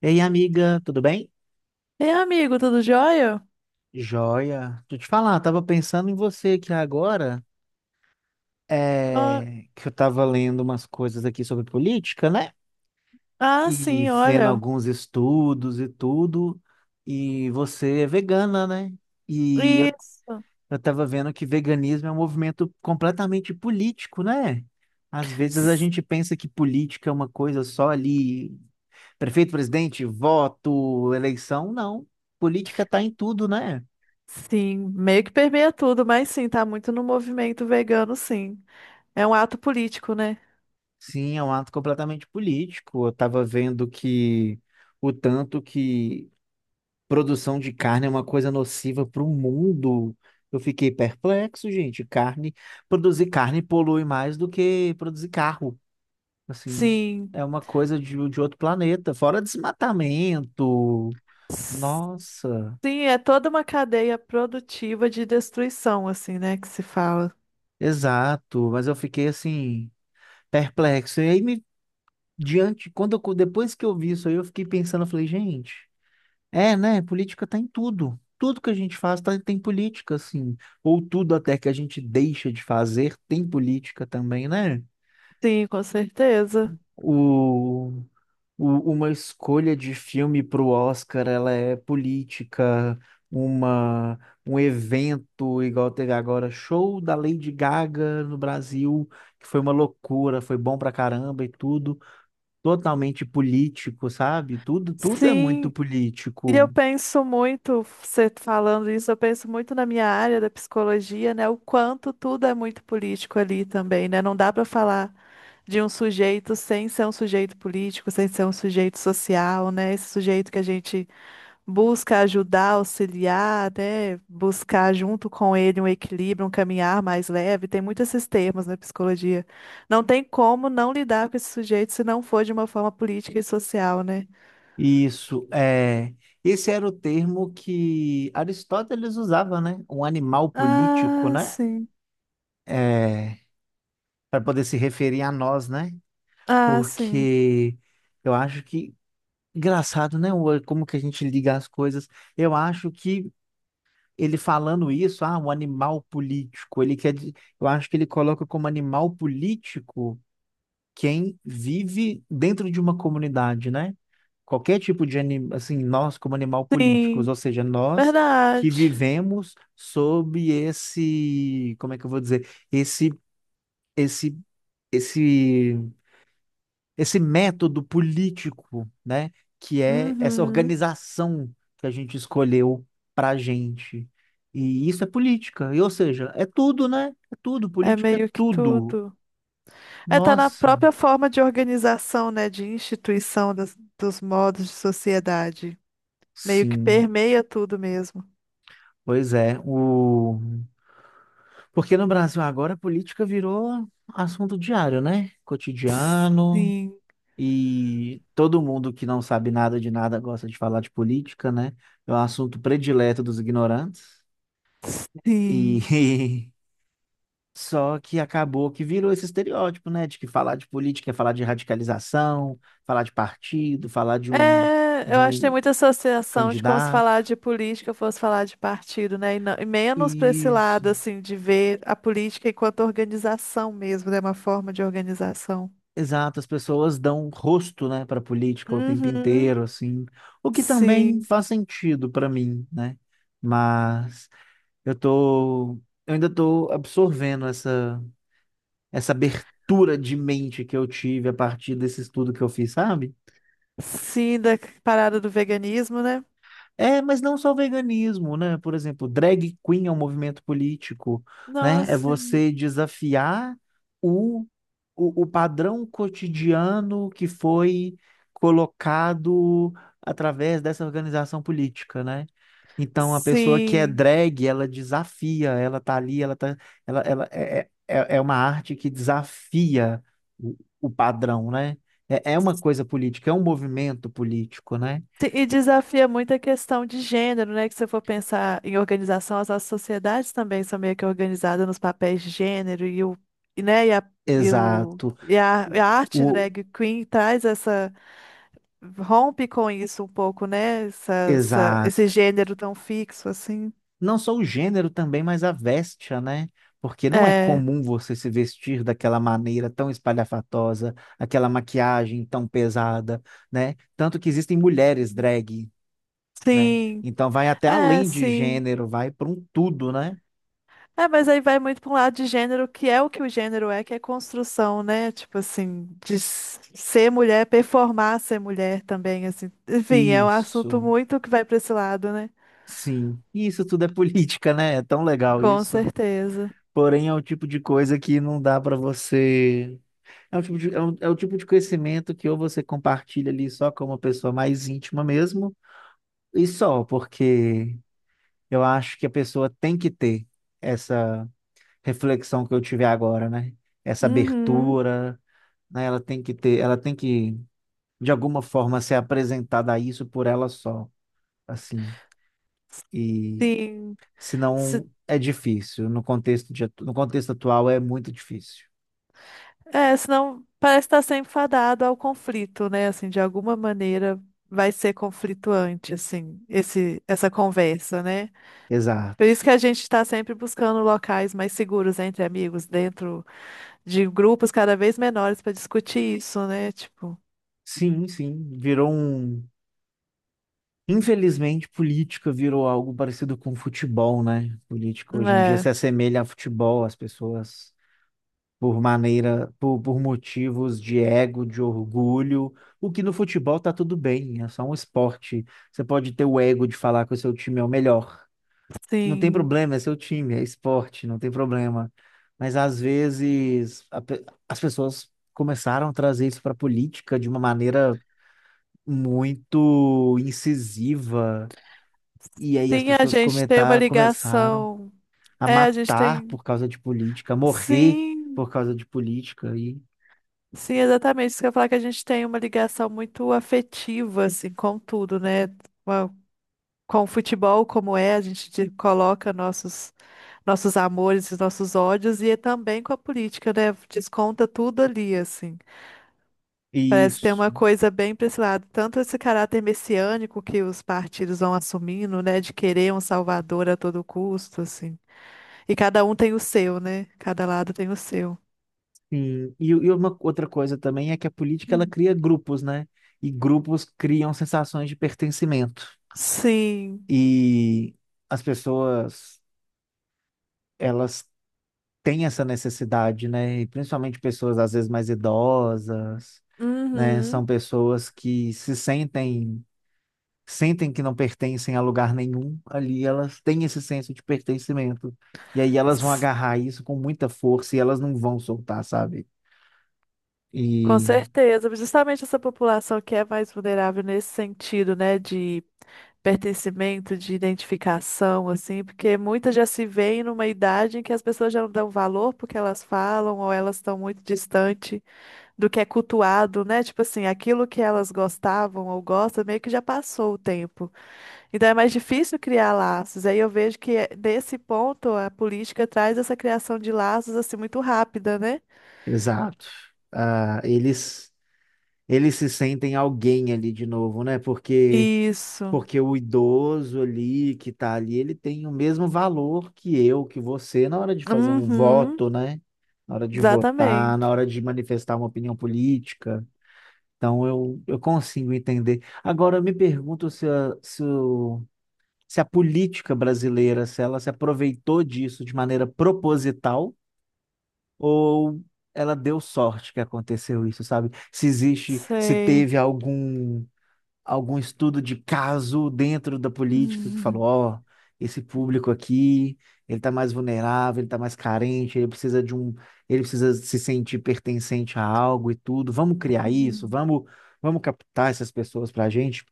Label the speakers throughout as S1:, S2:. S1: Ei, amiga, tudo bem?
S2: Ei, amigo, tudo jóia?
S1: Joia. Deixa eu te falar, tava pensando em você aqui agora,
S2: Ó,
S1: que eu tava lendo umas coisas aqui sobre política, né?
S2: ah,
S1: E
S2: sim,
S1: vendo
S2: olha.
S1: alguns estudos e tudo, e você é vegana, né? E eu,
S2: Isso.
S1: eu tava vendo que veganismo é um movimento completamente político, né? Às vezes a
S2: S-
S1: gente pensa que política é uma coisa só ali, prefeito, presidente, voto, eleição, não. Política tá em tudo, né?
S2: Sim, meio que permeia tudo, mas sim, tá muito no movimento vegano, sim. É um ato político, né?
S1: Sim, é um ato completamente político. Eu estava vendo que o tanto que produção de carne é uma coisa nociva para o mundo. Eu fiquei perplexo, gente. Carne, produzir carne polui mais do que produzir carro. Assim,
S2: Sim.
S1: é uma coisa de outro planeta, fora desmatamento.
S2: S-
S1: Nossa,
S2: Sim, é toda uma cadeia produtiva de destruição, assim, né, que se fala.
S1: exato. Mas eu fiquei assim, perplexo. E aí me diante, quando eu- depois que eu vi isso aí, eu fiquei pensando, eu falei, gente. É, né? Política tá em tudo. Tudo que a gente faz tá- Tem política, assim. Ou tudo até que a gente deixa de fazer tem política também, né?
S2: Sim, com certeza.
S1: O, uma escolha de filme para o Oscar, ela é política. Uma, Um evento, igual teve agora, show da Lady Gaga no Brasil, que foi uma loucura, foi bom pra caramba e tudo. Totalmente político, sabe? Tudo, tudo é
S2: Sim,
S1: muito
S2: e eu
S1: político.
S2: penso muito, você falando isso, eu penso muito na minha área da psicologia, né? O quanto tudo é muito político ali também, né? Não dá pra falar de um sujeito sem ser um sujeito político, sem ser um sujeito social, né? Esse sujeito que a gente busca ajudar, auxiliar, né? Buscar junto com ele um equilíbrio, um caminhar mais leve. Tem muitos esses termos na psicologia. Não tem como não lidar com esse sujeito se não for de uma forma política e social, né?
S1: Isso, é, esse era o termo que Aristóteles usava, né? Um animal político,
S2: Ah,
S1: né?
S2: sim.
S1: É, para poder se referir a nós, né?
S2: Ah, sim.
S1: Porque eu acho que, engraçado, né? Como que a gente liga as coisas. Eu acho que ele falando isso, ah, um animal político, eu acho que ele coloca como animal político quem vive dentro de uma comunidade, né? Qualquer tipo de animal, assim, nós como animal políticos,
S2: Sim.
S1: ou seja, nós
S2: Verdade.
S1: que vivemos sob esse, como é que eu vou dizer, esse, esse, esse método político, né? Que é essa
S2: Uhum.
S1: organização que a gente escolheu para a gente. E isso é política, e, ou seja, é tudo, né? É tudo,
S2: É
S1: política é
S2: meio que
S1: tudo.
S2: tudo. É, tá na
S1: Nossa,
S2: própria forma de organização, né, de instituição dos modos de sociedade. Meio que
S1: sim.
S2: permeia tudo mesmo.
S1: Pois é, o... Porque no Brasil agora a política virou assunto diário, né? Cotidiano,
S2: Sim,
S1: e todo mundo que não sabe nada de nada gosta de falar de política, né? É um assunto predileto dos ignorantes. E
S2: sim.
S1: só que acabou que virou esse estereótipo, né? De que falar de política é falar de radicalização, falar de partido,
S2: É,
S1: de
S2: eu acho que tem
S1: um
S2: muita associação de como se
S1: candidato.
S2: falar de política fosse falar de partido, né? E, e menos para esse
S1: E
S2: lado, assim, de ver a política enquanto organização mesmo, né? Uma forma de organização.
S1: exato, as pessoas dão rosto, né, para política o tempo
S2: Uhum.
S1: inteiro, assim, o que também
S2: Sim,
S1: faz sentido para mim, né? Mas eu tô, eu ainda tô absorvendo essa abertura de mente que eu tive a partir desse estudo que eu fiz, sabe?
S2: sim, da parada do veganismo, né?
S1: É, mas não só o veganismo, né? Por exemplo, drag queen é um movimento político, né? É
S2: Nossa, sim.
S1: você desafiar o, o padrão cotidiano que foi colocado através dessa organização política, né? Então, a pessoa que é
S2: Sim.
S1: drag, ela desafia, ela tá ali, ela tá, ela é, é, é é uma arte que desafia o padrão, né? É, é uma coisa política, é um movimento político, né?
S2: Sim, e desafia muito a questão de gênero, né? Que se você for pensar em organização, as nossas sociedades também são meio que organizadas nos papéis de gênero né? E a, e o,
S1: Exato.
S2: e a arte
S1: O, o-
S2: drag queen traz essa, rompe com isso um pouco, né? Esse
S1: exato.
S2: gênero tão fixo, assim.
S1: Não só o gênero também, mas a vestia, né? Porque não é
S2: É,
S1: comum você se vestir daquela maneira tão espalhafatosa, aquela maquiagem tão pesada, né? Tanto que existem mulheres drag, né?
S2: sim,
S1: Então vai até
S2: é,
S1: além de
S2: sim.
S1: gênero, vai para um tudo, né?
S2: É, mas aí vai muito para um lado de gênero, que é o que o gênero é, que é construção, né? Tipo assim, de ser mulher, performar ser mulher também, assim. Enfim, é um assunto
S1: Isso,
S2: muito que vai para esse lado, né?
S1: sim. Isso tudo é política, né? É tão legal
S2: Com
S1: isso.
S2: certeza.
S1: Porém, é o tipo de coisa que não dá para você é um tipo é o tipo de conhecimento que ou você compartilha ali só com uma pessoa mais íntima mesmo, e só, porque eu acho que a pessoa tem que ter essa reflexão que eu tive agora, né? Essa
S2: Uhum,
S1: abertura, né? Ela tem que ter, ela tem que, de alguma forma, ser apresentada a isso por ela só, assim. E
S2: sim. Se,
S1: senão é difícil. No contexto atual é muito difícil.
S2: é, senão parece estar sempre fadado ao conflito, né? Assim, de alguma maneira vai ser conflituante, assim, essa conversa, né? Por
S1: Exato.
S2: isso que a gente está sempre buscando locais mais seguros entre amigos, dentro de grupos cada vez menores para discutir isso, né? Tipo,
S1: Sim, sim. Virou um. Infelizmente, política virou algo parecido com futebol, né? Política hoje em dia
S2: é,
S1: se assemelha a futebol, as pessoas, por motivos de ego, de orgulho, o que no futebol tá tudo bem, é só um esporte. Você pode ter o ego de falar que o seu time é o melhor. Não tem
S2: sim.
S1: problema, é seu time, é esporte, não tem problema. Mas às vezes a pe- as pessoas começaram a trazer isso para a política de uma maneira muito incisiva e aí
S2: Sim, a gente tem uma
S1: começaram
S2: ligação.
S1: a
S2: É, a gente
S1: matar
S2: tem.
S1: por causa de política, a morrer
S2: Sim,
S1: por causa de política. E
S2: sim, exatamente. Isso que eu ia falar que a gente tem uma ligação muito afetiva, assim, com tudo, né? Uma- Com o futebol, como é, a gente coloca nossos, amores, os nossos ódios, e é também com a política, né? Desconta tudo ali, assim. Parece ter uma
S1: isso.
S2: coisa bem para esse lado, tanto esse caráter messiânico que os partidos vão assumindo, né, de querer um salvador a todo custo, assim. E cada um tem o seu, né? Cada lado tem o seu.
S1: Sim. E uma outra coisa também é que a política ela
S2: Hum.
S1: cria grupos, né? E grupos criam sensações de pertencimento.
S2: Sim.
S1: E as pessoas, elas têm essa necessidade, né? E principalmente pessoas às vezes mais idosas, né?
S2: Uhum.
S1: São pessoas que se sentem sentem que não pertencem a lugar nenhum ali, elas têm esse senso de pertencimento. E aí elas vão
S2: S-
S1: agarrar isso com muita força e elas não vão soltar, sabe?
S2: Com
S1: E
S2: certeza. Justamente essa população que é mais vulnerável nesse sentido, né, de pertencimento, de identificação, assim, porque muitas já se veem numa idade em que as pessoas já não dão valor porque elas falam ou elas estão muito distantes do que é cultuado, né? Tipo assim, aquilo que elas gostavam ou gostam, meio que já passou o tempo. Então é mais difícil criar laços. Aí eu vejo que nesse ponto a política traz essa criação de laços assim muito rápida, né?
S1: exato. Ah, eles se sentem alguém ali de novo, né?
S2: Isso.
S1: Porque o idoso ali que tá ali, ele tem o mesmo valor que eu, que você na hora de fazer um
S2: Uhum,
S1: voto, né? Na hora de votar, na
S2: exatamente.
S1: hora de manifestar uma opinião política. Então eu consigo entender. Agora eu me pergunto se a política brasileira, se ela se aproveitou disso de maneira proposital ou ela deu sorte que aconteceu isso, sabe? Se existe, se
S2: Sei.
S1: teve algum estudo de caso dentro da política que falou, ó, esse público aqui, ele tá mais vulnerável, ele tá mais carente, ele precisa se sentir pertencente a algo e tudo. Vamos criar isso, vamos captar essas pessoas pra gente.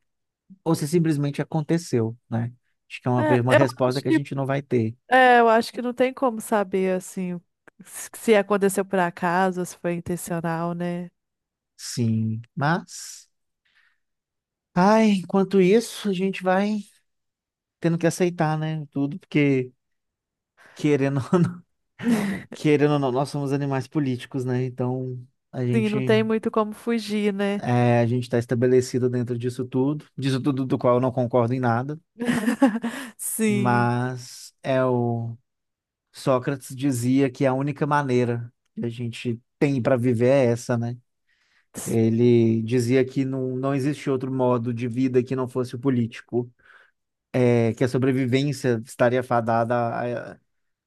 S1: Ou se simplesmente aconteceu, né? Acho que é
S2: É,
S1: uma
S2: eu
S1: resposta
S2: acho
S1: que a
S2: que,
S1: gente não vai ter.
S2: é, eu acho que não tem como saber assim se aconteceu por acaso, se foi intencional, né?
S1: Sim, mas, ai, enquanto isso, a gente vai tendo que aceitar, né? Tudo, porque querendo querendo ou não, nós somos animais políticos, né? Então a
S2: Sim,
S1: gente
S2: não tem muito como fugir, né?
S1: é, a gente está estabelecido dentro disso tudo do qual eu não concordo em nada,
S2: Sim.
S1: mas é o Sócrates dizia que a única maneira que a gente tem para viver é essa, né? Ele dizia que não existe outro modo de vida que não fosse o político, é, que a sobrevivência estaria fadada a,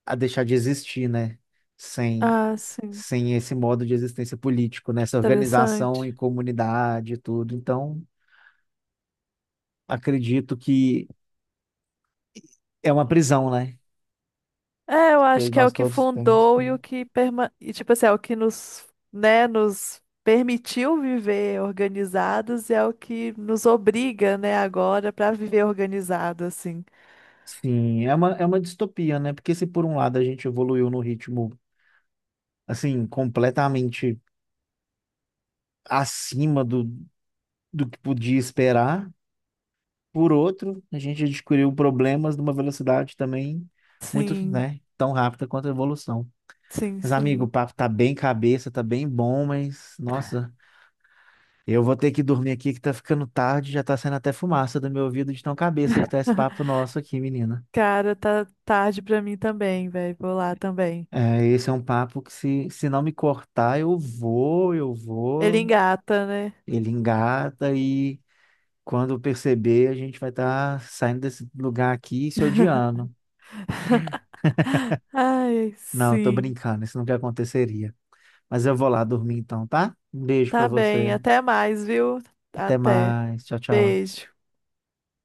S1: a deixar de existir, né? Sem
S2: Ah, sim.
S1: sem esse modo de existência político, né? Essa organização
S2: Interessante.
S1: em comunidade e tudo. Então, acredito que é uma prisão, né?
S2: É, eu
S1: Que
S2: acho que é o
S1: nós
S2: que
S1: todos temos.
S2: fundou e, tipo assim, é o que nos, né, nos permitiu viver organizados e é o que nos obriga, né, agora para viver organizado, assim.
S1: Sim, é é uma distopia, né? Porque se por um lado a gente evoluiu no ritmo, assim, completamente acima do que podia esperar, por outro, a gente descobriu problemas numa velocidade também muito,
S2: Sim,
S1: né, tão rápida quanto a evolução.
S2: sim,
S1: Mas, amigo,
S2: sim.
S1: o papo tá bem cabeça, tá bem bom, mas, nossa, eu vou ter que dormir aqui que tá ficando tarde, já tá saindo até fumaça do meu ouvido de tão cabeça que tá esse papo nosso aqui, menina.
S2: Cara, tá tarde pra mim também, velho. Vou lá também.
S1: É, esse é um papo que se não me cortar, eu
S2: Ele
S1: vou,
S2: engata, né?
S1: ele engata e quando perceber, a gente vai estar saindo desse lugar aqui e se odiando.
S2: Ai,
S1: Não, tô
S2: sim.
S1: brincando, isso nunca aconteceria. Mas eu vou lá dormir então, tá? Um beijo pra
S2: Tá bem,
S1: você.
S2: até mais, viu?
S1: Até
S2: Até.
S1: mais. Tchau, tchau.
S2: Beijo.